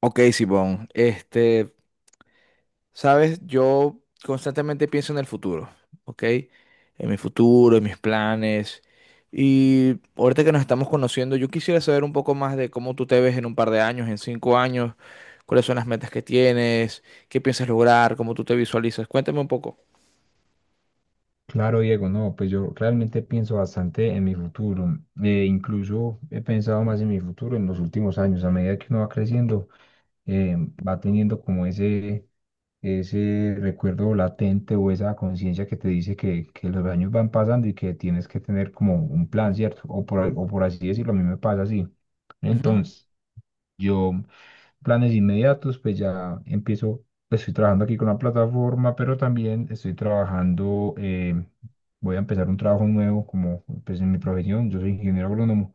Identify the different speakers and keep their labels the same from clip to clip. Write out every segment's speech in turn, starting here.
Speaker 1: Ok, Simón, sabes, yo constantemente pienso en el futuro, ¿ok? En mi futuro, en mis planes. Y ahorita que nos estamos conociendo, yo quisiera saber un poco más de cómo tú te ves en un par de años, en 5 años, cuáles son las metas que tienes, qué piensas lograr, cómo tú te visualizas. Cuéntame un poco.
Speaker 2: Claro, Diego, no, pues yo realmente pienso bastante en mi futuro. Incluso he pensado más en mi futuro en los últimos años. A medida que uno va creciendo, eh, va teniendo como ese recuerdo latente o esa conciencia que te dice que los años van pasando y que tienes que tener como un plan, ¿cierto? O
Speaker 1: Ujú.
Speaker 2: o por así decirlo, a mí me pasa así.
Speaker 1: Ujú.
Speaker 2: Entonces, yo planes inmediatos, pues ya empiezo, pues, estoy trabajando aquí con la plataforma, pero también estoy trabajando, voy a empezar un trabajo nuevo como pues en mi profesión, yo soy ingeniero agrónomo,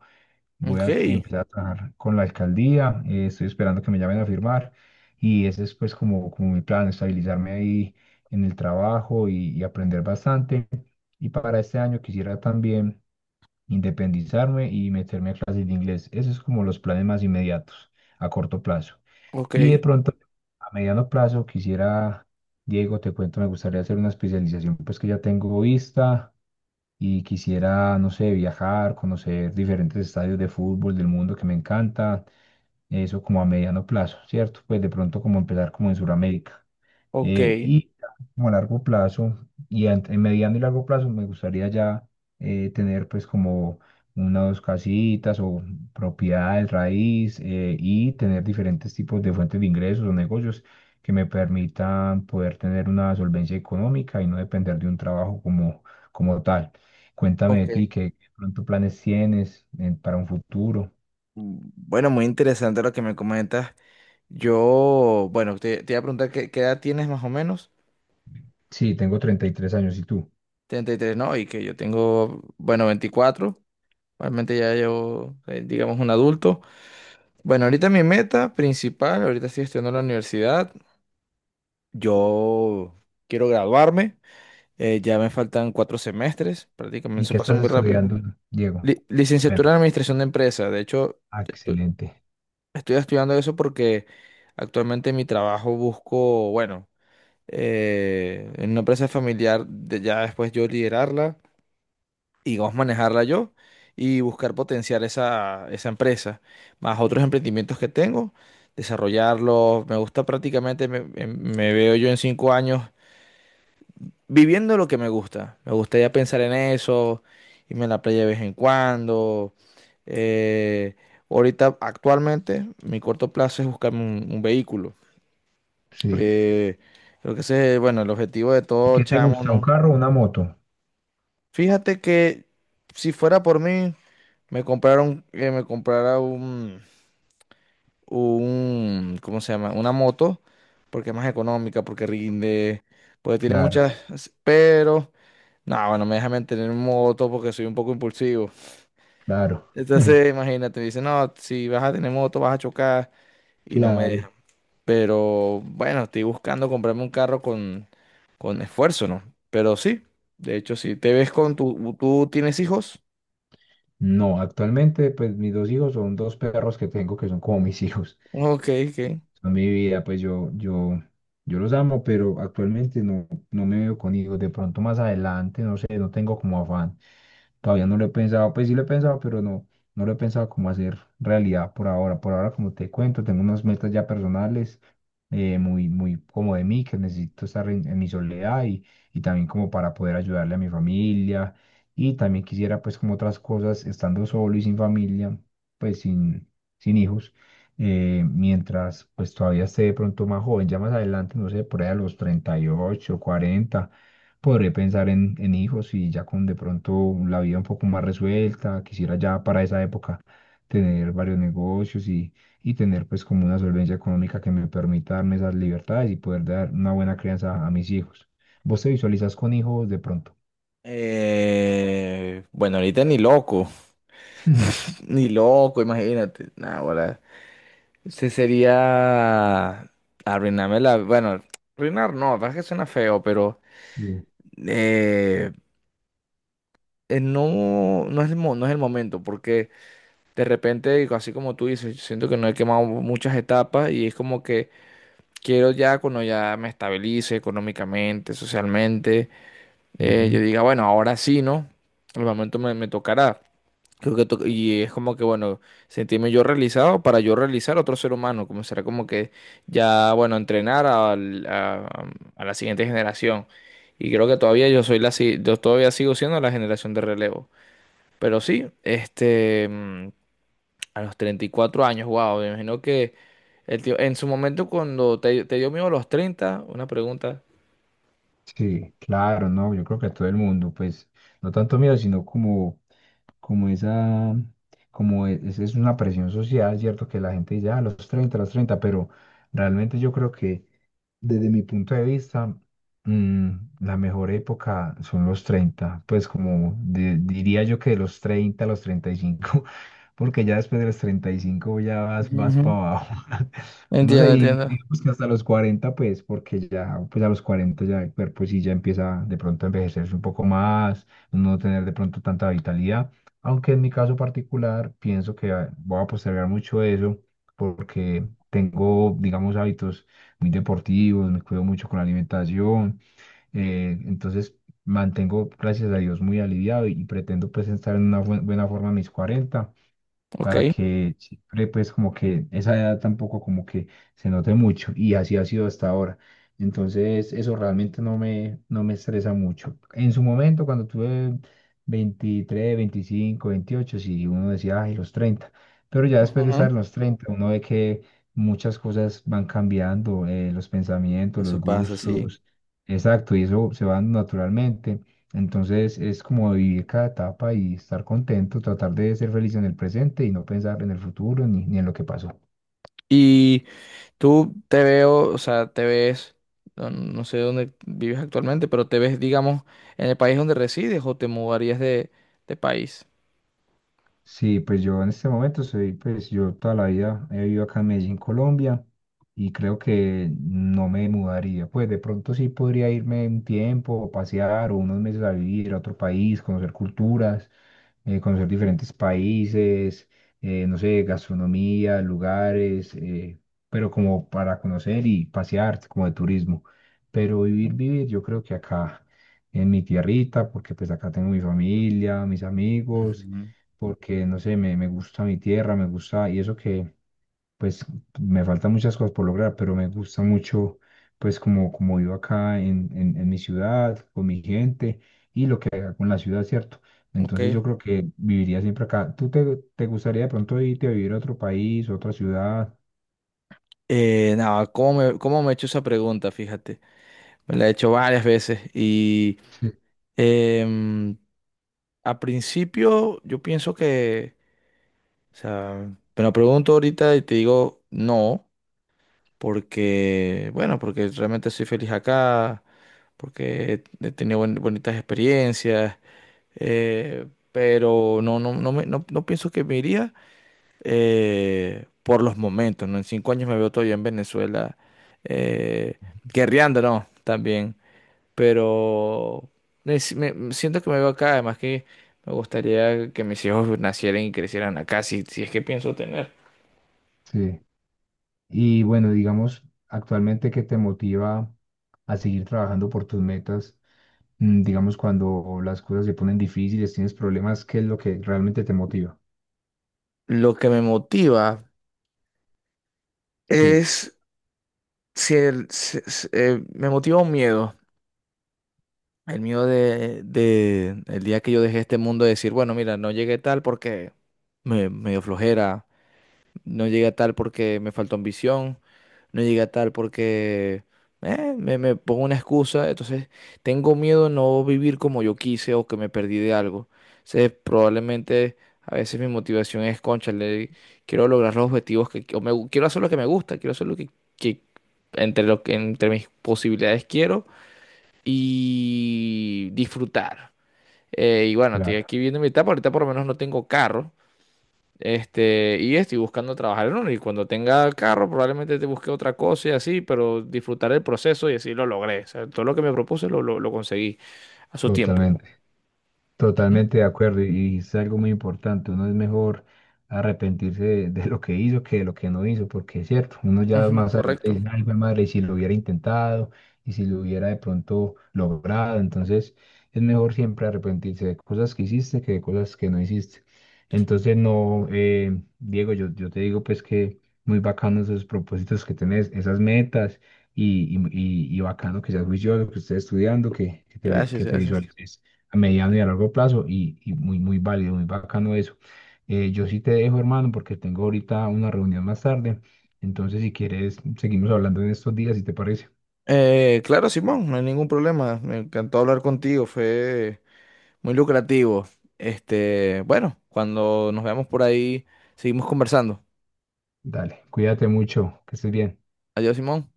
Speaker 2: voy
Speaker 1: Ok,
Speaker 2: a empezar a trabajar con la alcaldía, estoy esperando que me llamen a firmar y ese es pues como, como mi plan, estabilizarme ahí en el trabajo y aprender bastante. Y para este año quisiera también independizarme y meterme a clases de inglés. Esos es como los planes más inmediatos, a corto plazo.
Speaker 1: ok,
Speaker 2: Y de pronto a mediano plazo quisiera, Diego, te cuento, me gustaría hacer una especialización, pues que ya tengo vista y quisiera, no sé, viajar, conocer diferentes estadios de fútbol del mundo que me encanta, eso como a mediano plazo, ¿cierto? Pues de pronto como empezar como en Sudamérica.
Speaker 1: ok,
Speaker 2: Y como a largo plazo, y en mediano y largo plazo, me gustaría ya tener pues como una o dos casitas o propiedades raíz y tener diferentes tipos de fuentes de ingresos o negocios que me permitan poder tener una solvencia económica y no depender de un trabajo como, como tal. Cuéntame de
Speaker 1: ok.
Speaker 2: ti, ¿qué pronto planes tienes para un futuro?
Speaker 1: Bueno, muy interesante lo que me comentas. Bueno, te iba a preguntar qué edad tienes más o menos.
Speaker 2: Sí, tengo 33 años, ¿y tú?
Speaker 1: 33, no, y que yo tengo, bueno, veinticuatro. Realmente ya yo, digamos, un adulto. Bueno, ahorita mi meta principal, ahorita estoy estudiando en la universidad. Yo quiero graduarme. Ya me faltan cuatro semestres, prácticamente
Speaker 2: ¿Y
Speaker 1: eso
Speaker 2: qué
Speaker 1: pasa
Speaker 2: estás
Speaker 1: muy rápido.
Speaker 2: estudiando, Diego? Bueno,
Speaker 1: Licenciatura en Administración de Empresa. De hecho, estu-
Speaker 2: excelente.
Speaker 1: estoy estudiando eso porque actualmente en mi trabajo busco, bueno. En una empresa familiar, de ya después yo liderarla y vamos a manejarla yo y buscar potenciar esa empresa, más otros emprendimientos que tengo, desarrollarlos. Me gusta prácticamente, me veo yo en cinco años viviendo lo que me gusta. Me gustaría pensar en eso, irme a la playa de vez en cuando. Eh, ahorita, actualmente, mi corto plazo es buscarme un vehículo.
Speaker 2: Sí.
Speaker 1: Eh, creo que ese es, bueno, el objetivo de
Speaker 2: ¿Y
Speaker 1: todo
Speaker 2: qué te
Speaker 1: chamo,
Speaker 2: gusta? ¿Un
Speaker 1: ¿no?
Speaker 2: carro o una moto?
Speaker 1: Fíjate que si fuera por mí, me compraron, que me comprara ¿cómo se llama? Una moto, porque es más económica, porque rinde, porque tiene
Speaker 2: Claro,
Speaker 1: muchas, pero, no, bueno, me deja mantener moto porque soy un poco impulsivo.
Speaker 2: claro,
Speaker 1: Entonces, imagínate, dice, no, si vas a tener moto vas a chocar y no me
Speaker 2: claro.
Speaker 1: dejan. Pero, bueno, estoy buscando comprarme un carro con esfuerzo, ¿no? Pero sí, de hecho, si te ves con tu, ¿tú tienes hijos?
Speaker 2: No, actualmente pues mis dos hijos son dos perros que tengo que son como mis hijos.
Speaker 1: Ok, ok.
Speaker 2: Son mi vida, pues yo los amo, pero actualmente no, no me veo con hijos. De pronto más adelante, no sé, no tengo como afán. Todavía no lo he pensado, pues sí lo he pensado, pero no, no lo he pensado como hacer realidad por ahora. Por ahora, como te cuento, tengo unas metas ya personales, muy, muy como de mí, que necesito estar en mi soledad y también como para poder ayudarle a mi familia. Y también quisiera, pues como otras cosas, estando solo y sin familia, pues sin, sin hijos, mientras pues todavía esté de pronto más joven, ya más adelante, no sé, por ahí a los 38, cuarenta. Podré pensar en hijos y ya con de pronto la vida un poco más resuelta. Quisiera ya para esa época tener varios negocios y tener pues como una solvencia económica que me permita darme esas libertades y poder dar una buena crianza a mis hijos. ¿Vos te visualizas con hijos de pronto?
Speaker 1: Bueno, ahorita ni loco, ni loco, imagínate. Nah, ahora, ese sería arruinarme la, bueno, arruinar no, la verdad es que suena feo, pero
Speaker 2: Sí.
Speaker 1: eh, no, no es el, no es el momento, porque de repente, así como tú dices, siento que no he quemado muchas etapas y es como que quiero ya cuando ya me estabilice económicamente, socialmente,
Speaker 2: Ujú.
Speaker 1: yo diga, bueno, ahora sí, ¿no? El momento me tocará. Creo que y es como que, bueno, sentirme yo realizado para yo realizar a otro ser humano, como será como que ya, bueno, entrenar a la siguiente generación. Y creo que todavía yo soy la, si- yo todavía sigo siendo la generación de relevo. Pero sí, a los 34 años, wow, me imagino que el tío, en su momento cuando te dio miedo a los treinta una pregunta.
Speaker 2: Sí, claro, no, yo creo que a todo el mundo, pues, no tanto miedo, sino como, como esa, como es una presión social, ¿cierto? Que la gente dice, ah, los 30, pero realmente yo creo que desde mi punto de vista, mm, la mejor época son los 30, pues como diría yo que de los 30 a los 35 porque ya después de los 35 ya vas, vas para
Speaker 1: Ujú.
Speaker 2: abajo. Uno se
Speaker 1: Entiendo, entiendo.
Speaker 2: digamos que hasta los 40 pues, porque ya, pues a los 40 ya el cuerpo sí ya empieza de pronto a envejecerse un poco más, no tener de pronto tanta vitalidad. Aunque en mi caso particular, pienso que voy a postergar mucho eso, porque tengo, digamos, hábitos muy deportivos, me cuido mucho con la alimentación, entonces mantengo, gracias a Dios, muy aliviado y pretendo pues estar en una buena forma a mis 40
Speaker 1: Ok.
Speaker 2: para que siempre pues como que esa edad tampoco como que se note mucho y así ha sido hasta ahora. Entonces eso realmente no me, no me estresa mucho. En su momento cuando tuve 23, 25, 28, sí, uno decía, ay, los 30, pero ya después de
Speaker 1: Ujú.
Speaker 2: estar en los 30 uno ve que muchas cosas van cambiando, los pensamientos, los
Speaker 1: Eso pasa, sí.
Speaker 2: gustos, exacto, y eso se va dando naturalmente. Entonces es como vivir cada etapa y estar contento, tratar de ser feliz en el presente y no pensar en el futuro ni, ni en lo que pasó.
Speaker 1: Tú te veo, o sea, te ves, no, no sé dónde vives actualmente, pero te ves, digamos, en el país donde resides o te mudarías de país.
Speaker 2: Sí, pues yo en este momento soy, pues yo toda la vida he vivido acá en Medellín, Colombia, y creo que no me mudaría. Pues de pronto sí podría irme un tiempo, o pasear, o unos meses a vivir a otro país, conocer culturas, conocer diferentes países, no sé, gastronomía, lugares, pero como para conocer y pasear, como de turismo. Pero vivir, vivir, yo creo que acá, en mi tierrita, porque pues acá tengo mi familia, mis amigos
Speaker 1: Ujú.
Speaker 2: porque, no sé, me gusta mi tierra, me gusta, y eso que, pues, me faltan muchas cosas por lograr, pero me gusta mucho, pues, como, como vivo acá en mi ciudad, con mi gente, y lo que haga con la ciudad, ¿cierto? Entonces
Speaker 1: Ok.
Speaker 2: yo creo que viviría siempre acá. Te gustaría de pronto irte a vivir a otro país, otra ciudad?
Speaker 1: No, cómo me he hecho esa pregunta? Fíjate, me la he hecho varias veces y
Speaker 2: Sí.
Speaker 1: em, a principio yo pienso que, o sea, me la pregunto ahorita y te digo no, porque, bueno, porque realmente soy feliz acá, porque he tenido bonitas experiencias, eh, pero no, no, no pienso que me iría por los momentos, ¿no? En cinco años me veo todavía en Venezuela, eh, guerreando, ¿no? También, pero me, si- me- me siento que me veo acá, además que me gustaría que mis hijos nacieran y crecieran acá, si, si es que pienso tener.
Speaker 2: Sí. Y bueno, digamos, actualmente, ¿qué te motiva a seguir trabajando por tus metas? Digamos, cuando las cosas se ponen difíciles, tienes problemas, ¿qué es lo que realmente te motiva?
Speaker 1: Lo que me motiva
Speaker 2: Sí,
Speaker 1: es Sí, el- se- se- me motiva un miedo, el miedo de el día que yo dejé este mundo de decir, bueno, mira, no llegué tal porque me dio flojera, no llegué a tal porque me faltó ambición. No llegué a tal porque me pongo una excusa. Entonces, tengo miedo de no vivir como yo quise o que me perdí de algo. Entonces, probablemente a veces mi motivación es, cónchale, quiero lograr los objetivos que o quiero hacer lo que me gusta, quiero hacer lo que entre lo que entre mis posibilidades quiero y disfrutar. Y bueno, estoy
Speaker 2: claro.
Speaker 1: aquí viendo mi etapa. Ahorita por lo menos no tengo carro. Este, y estoy buscando trabajar en uno. Y cuando tenga carro, probablemente te busque otra cosa y así, pero disfrutar el proceso y así lo logré. O sea, todo lo que me propuse lo conseguí a su tiempo. Ujú,
Speaker 2: Totalmente de acuerdo, y es algo muy importante. Uno es mejor arrepentirse de lo que hizo que de lo que no hizo, porque es cierto, uno ya
Speaker 1: ujú,
Speaker 2: más adelante
Speaker 1: correcto.
Speaker 2: dice, ay, jue madre, y si lo hubiera intentado, y si lo hubiera de pronto logrado. Entonces, es mejor siempre arrepentirse de cosas que hiciste que de cosas que no hiciste. Entonces, no, Diego, yo te digo, pues que muy bacano esos propósitos que tenés, esas metas, y bacano que seas juicioso, que estés estudiando, que
Speaker 1: Gracias,
Speaker 2: que te
Speaker 1: gracias.
Speaker 2: visualices a mediano y a largo plazo y muy, muy válido, muy bacano eso. Yo sí te dejo, hermano, porque tengo ahorita una reunión más tarde. Entonces, si quieres, seguimos hablando en estos días, si te parece.
Speaker 1: Claro, Simón, no hay ningún problema. Me encantó hablar contigo, fue muy lucrativo. Este, bueno, cuando nos veamos por ahí, seguimos conversando.
Speaker 2: Dale, cuídate mucho, que estés bien.
Speaker 1: Adiós, Simón.